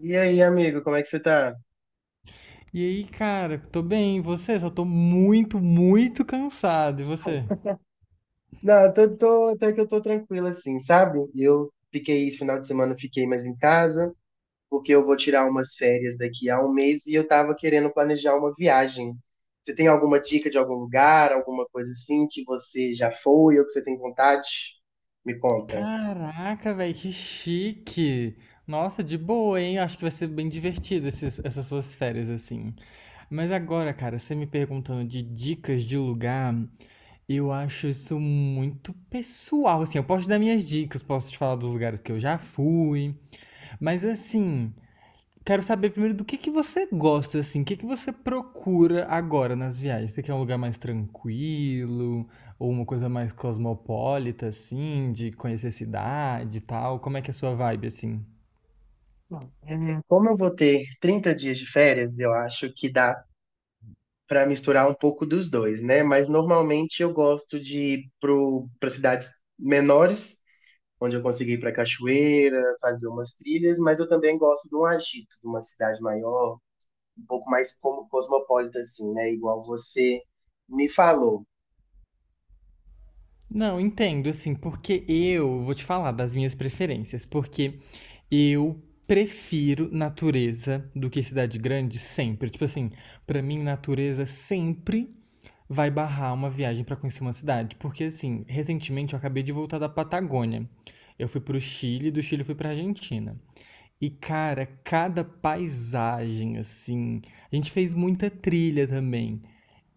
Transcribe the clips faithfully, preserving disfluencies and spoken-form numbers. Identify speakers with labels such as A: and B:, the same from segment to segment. A: E aí, amigo, como é que você tá?
B: E aí, cara, tô bem, e você? Só tô muito, muito cansado. E você?
A: Não, eu tô, tô- até que eu tô tranquilo assim, sabe? Eu fiquei, esse final de semana eu fiquei mais em casa, porque eu vou tirar umas férias daqui a um mês e eu tava querendo planejar uma viagem. Você tem alguma dica de algum lugar, alguma coisa assim que você já foi ou que você tem vontade? Me conta.
B: Caraca, velho, que chique! Nossa, de boa, hein? Acho que vai ser bem divertido esses- essas suas férias assim. Mas agora, cara, você me perguntando de dicas de lugar, eu acho isso muito pessoal. Assim, eu posso te dar minhas dicas, posso te falar dos lugares que eu já fui. Mas assim, quero saber primeiro do que que você gosta, assim, o que que você procura agora nas viagens? Você quer um lugar mais tranquilo ou uma coisa mais cosmopolita, assim, de conhecer cidade e tal? Como é que é a sua vibe, assim?
A: Bom, é, como eu vou ter trinta dias de férias, eu acho que dá para misturar um pouco dos dois, né? Mas normalmente eu gosto de ir para cidades menores onde eu consegui ir para cachoeira, fazer umas trilhas, mas eu também gosto de um agito, de uma cidade maior, um pouco mais como cosmopolita, assim, né? Igual você me falou.
B: Não, entendo, assim, porque eu vou te falar das minhas preferências, porque eu prefiro natureza do que cidade grande sempre. Tipo assim, pra mim, natureza sempre vai barrar uma viagem para conhecer uma cidade. Porque, assim, recentemente eu acabei de voltar da Patagônia. Eu fui pro Chile, do Chile eu fui pra Argentina. E, cara, cada paisagem, assim. A gente fez muita trilha também.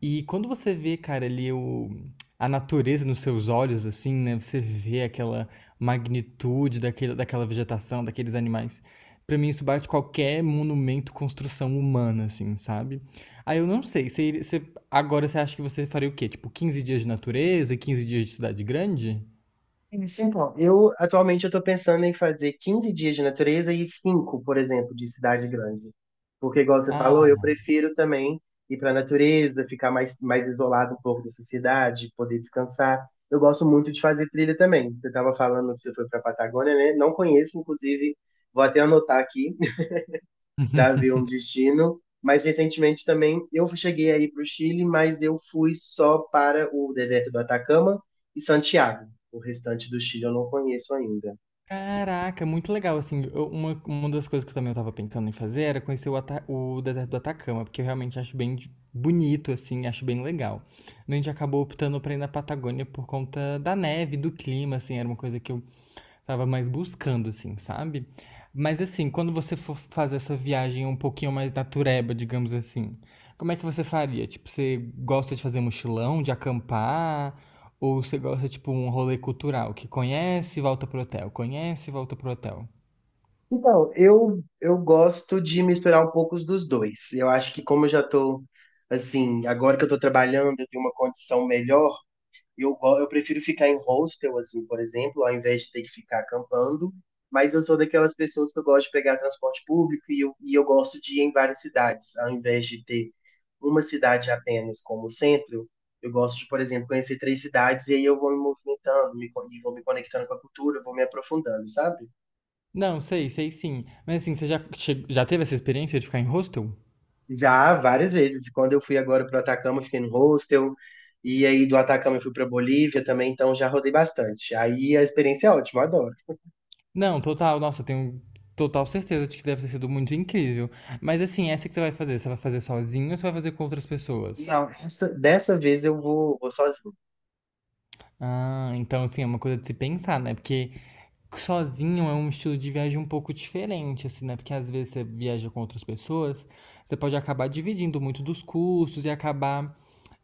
B: E quando você vê, cara, ali o, a natureza nos seus olhos, assim, né? Você vê aquela magnitude daquele, daquela vegetação, daqueles animais. Pra mim, isso bate qualquer monumento, construção humana, assim, sabe? Aí eu não sei, você, iria- você- agora você acha que você faria o quê? Tipo, quinze dias de natureza e quinze dias de cidade grande?
A: Isso, então. Eu, atualmente, eu estou pensando em fazer quinze dias de natureza e cinco, por exemplo, de cidade grande. Porque, igual você falou, eu
B: Ah,
A: prefiro também ir para a natureza, ficar mais, mais isolado um pouco dessa cidade, poder descansar. Eu gosto muito de fazer trilha também. Você estava falando que você foi para a Patagônia, né? Não conheço, inclusive, vou até anotar aqui já viu um destino. Mas recentemente também eu cheguei aí para o Chile, mas eu fui só para o deserto do Atacama e Santiago. O restante do Chile eu não conheço ainda.
B: Caraca, muito legal, assim, eu- uma, uma das coisas que eu também tava pensando em fazer era conhecer o, Ata- o deserto do Atacama, porque eu realmente acho bem de- bonito, assim, acho bem legal. A gente acabou optando pra ir na Patagônia por conta da neve, do clima, assim, era uma coisa que eu tava mais buscando, assim, sabe? Mas assim, quando você for fazer essa viagem um pouquinho mais natureba, digamos assim, como é que você faria? Tipo, você gosta de fazer mochilão, de acampar? Ou você gosta, tipo, um rolê cultural, que conhece e volta pro hotel, conhece e volta pro hotel?
A: Então, eu, eu gosto de misturar um pouco os dos dois. Eu acho que como eu já estou, assim, agora que eu estou trabalhando, eu tenho uma condição melhor. Eu, go- eu prefiro ficar em hostel, assim, por exemplo, ao invés de ter que ficar acampando. Mas eu sou daquelas pessoas que eu gosto de pegar transporte público e eu, e eu gosto de ir em várias cidades, ao invés de ter uma cidade apenas como centro. Eu gosto de, por exemplo, conhecer três cidades e aí eu vou me movimentando, me, co- e vou me conectando com a cultura, vou me aprofundando, sabe?
B: Não, sei, sei sim. Mas assim, você já, che- já teve essa experiência de ficar em hostel?
A: Já várias vezes. Quando eu fui agora para o Atacama, eu fiquei no hostel. E aí do Atacama eu fui para Bolívia também, então já rodei bastante. Aí a experiência é ótima, eu adoro.
B: Não, total, nossa, eu tenho total certeza de que deve ter sido muito incrível. Mas assim, essa que você vai fazer, você vai fazer sozinho ou você vai fazer com outras pessoas?
A: Não, essa- dessa vez eu vou, vou sozinho.
B: Ah, então assim, é uma coisa de se pensar, né? Porque sozinho é um estilo de viagem um pouco diferente, assim, né? Porque às vezes você viaja com outras pessoas, você pode acabar dividindo muito dos custos e acabar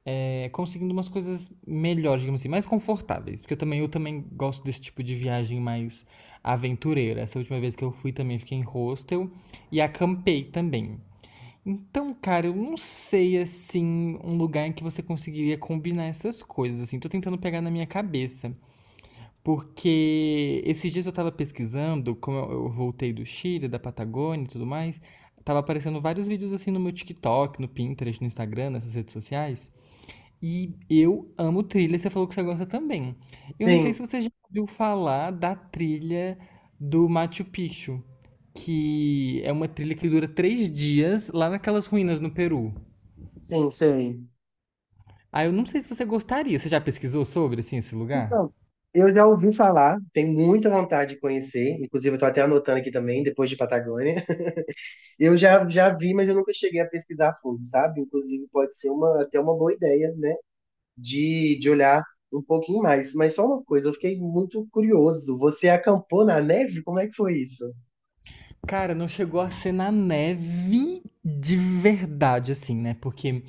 B: é, conseguindo umas coisas melhores, digamos assim, mais confortáveis. Porque eu também, eu também gosto desse tipo de viagem mais aventureira. Essa última vez que eu fui também fiquei em hostel e acampei também. Então, cara, eu não sei, assim, um lugar em que você conseguiria combinar essas coisas, assim. Tô tentando pegar na minha cabeça. Porque esses dias eu tava pesquisando, como eu eu voltei do Chile, da Patagônia e tudo mais, tava aparecendo vários vídeos, assim, no meu TikTok, no Pinterest, no Instagram, nessas redes sociais. E eu amo trilha, você falou que você gosta também. Eu não sei se
A: Sim,
B: você já ouviu falar da trilha do Machu Picchu, que é uma trilha que dura três dias lá naquelas ruínas no Peru.
A: sim, sei.
B: Ah, eu não sei se você gostaria. Você já pesquisou sobre, assim, esse lugar?
A: Então, eu já ouvi falar, tenho muita vontade de conhecer, inclusive eu tô até anotando aqui também, depois de Patagônia. Eu já, já vi, mas eu nunca cheguei a pesquisar a fundo, sabe? Inclusive pode ser uma, até uma boa ideia, né? De, de olhar um pouquinho mais. Mas só uma coisa, eu fiquei muito curioso. Você acampou na neve? Como é que foi isso?
B: Cara, não chegou a ser na neve de verdade, assim, né? Porque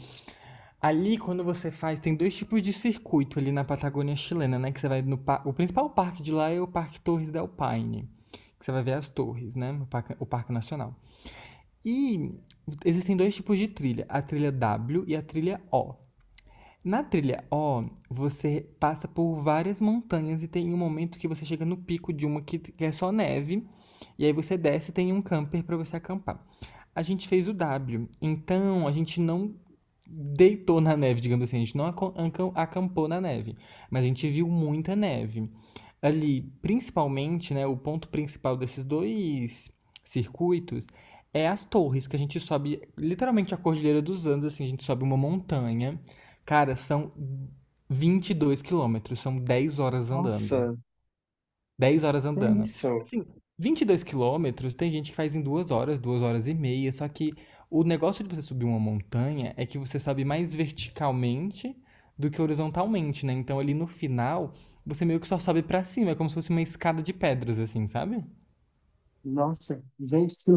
B: ali, quando você faz, tem dois tipos de circuito ali na Patagônia chilena, né? Que você vai no pa- o principal parque de lá é o Parque Torres del Paine, que você vai ver as torres, né? O parque, o parque Nacional. E existem dois tipos de trilha, a trilha W e a trilha O. Na trilha O, você passa por várias montanhas e tem um momento que você chega no pico de uma que é só neve, e aí você desce e tem um camper para você acampar. A gente fez o W, então a gente não deitou na neve, digamos assim, a gente não acon- ancam- acampou na neve, mas a gente viu muita neve. Ali, principalmente, né, o ponto principal desses dois circuitos é as torres, que a gente sobe literalmente a Cordilheira dos Andes, assim, a gente sobe uma montanha. Cara, são vinte e dois quilômetros, são dez horas andando.
A: Nossa,
B: Dez horas
A: que é
B: andando.
A: isso?
B: Assim, vinte e dois quilômetros tem gente que faz em duas horas, duas horas e meia, só que o negócio de você subir uma montanha é que você sobe mais verticalmente do que horizontalmente, né? Então ali no final, você meio que só sobe pra cima, é como se fosse uma escada de pedras, assim, sabe?
A: Nossa, gente, que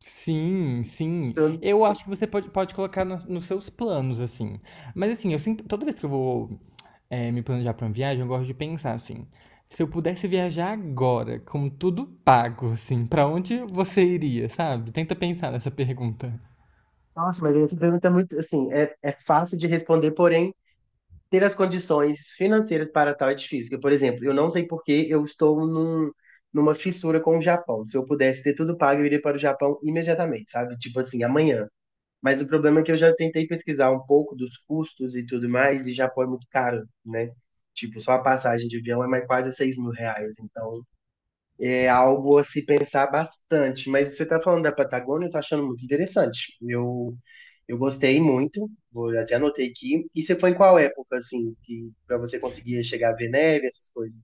B: Sim, sim.
A: loucura.
B: Eu acho que você pode, pode colocar nos nos seus planos, assim. Mas assim, eu sempre, toda vez que eu vou eh, me planejar para uma viagem, eu gosto de pensar assim. Se eu pudesse viajar agora, com tudo pago, assim, para onde você iria, sabe? Tenta pensar nessa pergunta.
A: Nossa, mas essa pergunta é muito, assim, é, é fácil de responder, porém, ter as condições financeiras para tal é difícil. Porque, por exemplo, eu não sei por que eu estou num, numa fissura com o Japão. Se eu pudesse ter tudo pago, eu iria para o Japão imediatamente, sabe? Tipo assim, amanhã. Mas o problema é que eu já tentei pesquisar um pouco dos custos e tudo mais, e Japão é muito caro, né? Tipo, só a passagem de avião é mais quase seis mil reais. Então, é algo a se pensar bastante. Mas você está falando da Patagônia, eu tô achando muito interessante. Eu, eu gostei muito, vou até anotei aqui. E você foi em qual época, assim, que para você conseguir chegar a ver neve, essas coisas?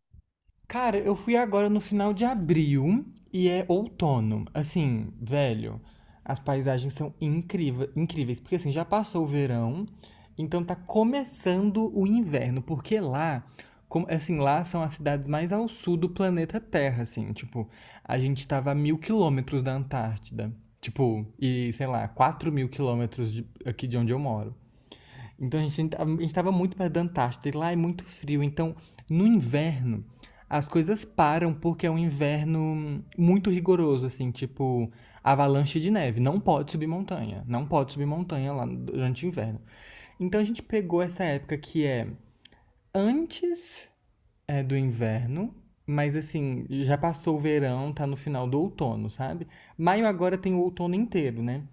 B: Cara, eu fui agora no final de abril e é outono. Assim, velho, as paisagens são incríveis, incríveis, porque assim, já passou o verão, então tá começando o inverno, porque lá, como, assim, lá são as cidades mais ao sul do planeta Terra, assim, tipo, a gente tava a mil quilômetros da Antártida, tipo, e sei lá, quatro mil quilômetros de- aqui de onde eu moro. Então a gente a gente estava muito perto da Antártida e lá é muito frio. Então, no inverno, as coisas param porque é um inverno muito rigoroso, assim, tipo avalanche de neve. Não pode subir montanha. Não pode subir montanha lá durante o inverno. Então a gente pegou essa época que é antes é do inverno, mas assim, já passou o verão, tá no final do outono, sabe? Maio agora tem o outono inteiro, né?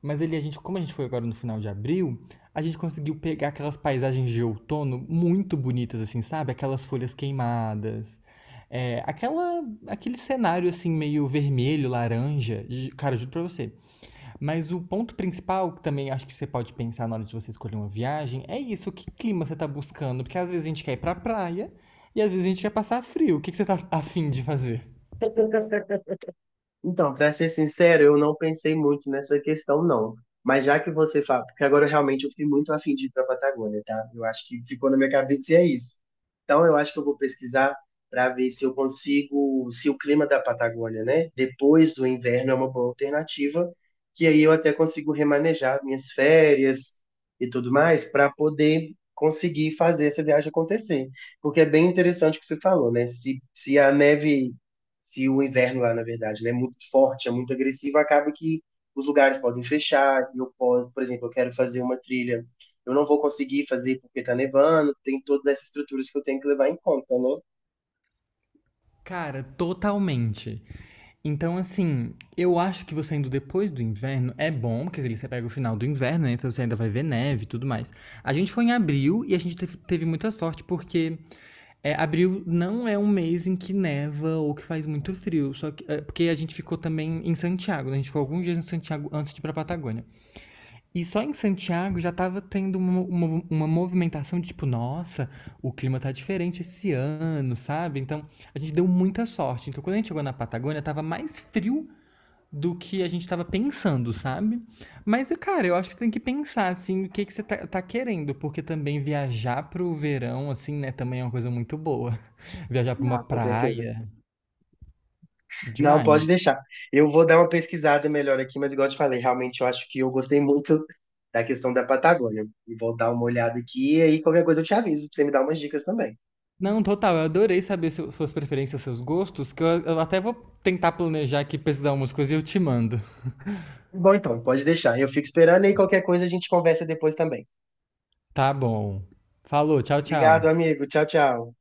B: Mas ele, a gente, como a gente foi agora no final de abril, a gente conseguiu pegar aquelas paisagens de outono muito bonitas, assim, sabe? Aquelas folhas queimadas, é, aquela, aquele cenário assim meio vermelho, laranja. E, cara, eu juro pra você, mas o ponto principal, que também acho que você pode pensar na hora de você escolher uma viagem, é isso, que clima você tá buscando. Porque às vezes a gente quer ir pra praia e às vezes a gente quer passar frio. O que que você tá afim de fazer?
A: Então, para ser sincero, eu não pensei muito nessa questão, não. Mas já que você fala, porque agora realmente eu fiquei muito afim de ir para a Patagônia, tá? Eu acho que ficou na minha cabeça e é isso. Então, eu acho que eu vou pesquisar para ver se eu consigo, se o clima da Patagônia, né, depois do inverno é uma boa alternativa, que aí eu até consigo remanejar minhas férias e tudo mais para poder conseguir fazer essa viagem acontecer. Porque é bem interessante o que você falou, né? Se, se a neve se o inverno lá, na verdade, né, é muito forte, é muito agressivo, acaba que os lugares podem fechar, eu posso, por exemplo, eu quero fazer uma trilha, eu não vou conseguir fazer porque tá nevando, tem todas essas estruturas que eu tenho que levar em conta, né?
B: Cara, totalmente. Então, assim, eu acho que você indo depois do inverno é bom, porque ali você pega o final do inverno, né? Então você ainda vai ver neve e tudo mais. A gente foi em abril e a gente teve, teve muita sorte, porque é, abril não é um mês em que neva ou que faz muito frio. Só que, é, porque a gente ficou também em Santiago, né? A gente ficou alguns dias em Santiago antes de ir pra Patagônia. E só em Santiago já estava tendo uma, uma, uma movimentação de tipo, nossa, o clima tá diferente esse ano, sabe? Então a gente deu muita sorte. Então quando a gente chegou na Patagônia, tava mais frio do que a gente tava pensando, sabe? Mas, cara, eu acho que tem que pensar, assim, o que que você tá, tá, querendo, porque também viajar pro verão, assim, né, também é uma coisa muito boa. Viajar pra uma
A: Não, com certeza.
B: praia,
A: Não, pode
B: demais.
A: deixar. Eu vou dar uma pesquisada melhor aqui, mas igual eu te falei, realmente eu acho que eu gostei muito da questão da Patagônia. E vou dar uma olhada aqui, e aí qualquer coisa eu te aviso, pra você me dar umas dicas também.
B: Não, total, eu adorei saber seu- suas preferências, seus gostos, que eu, eu até vou tentar planejar aqui pesquisar umas coisas e eu te mando.
A: Bom, então, pode deixar. Eu fico esperando e qualquer coisa a gente conversa depois também.
B: Tá bom. Falou, tchau,
A: Obrigado,
B: tchau.
A: amigo. Tchau, tchau.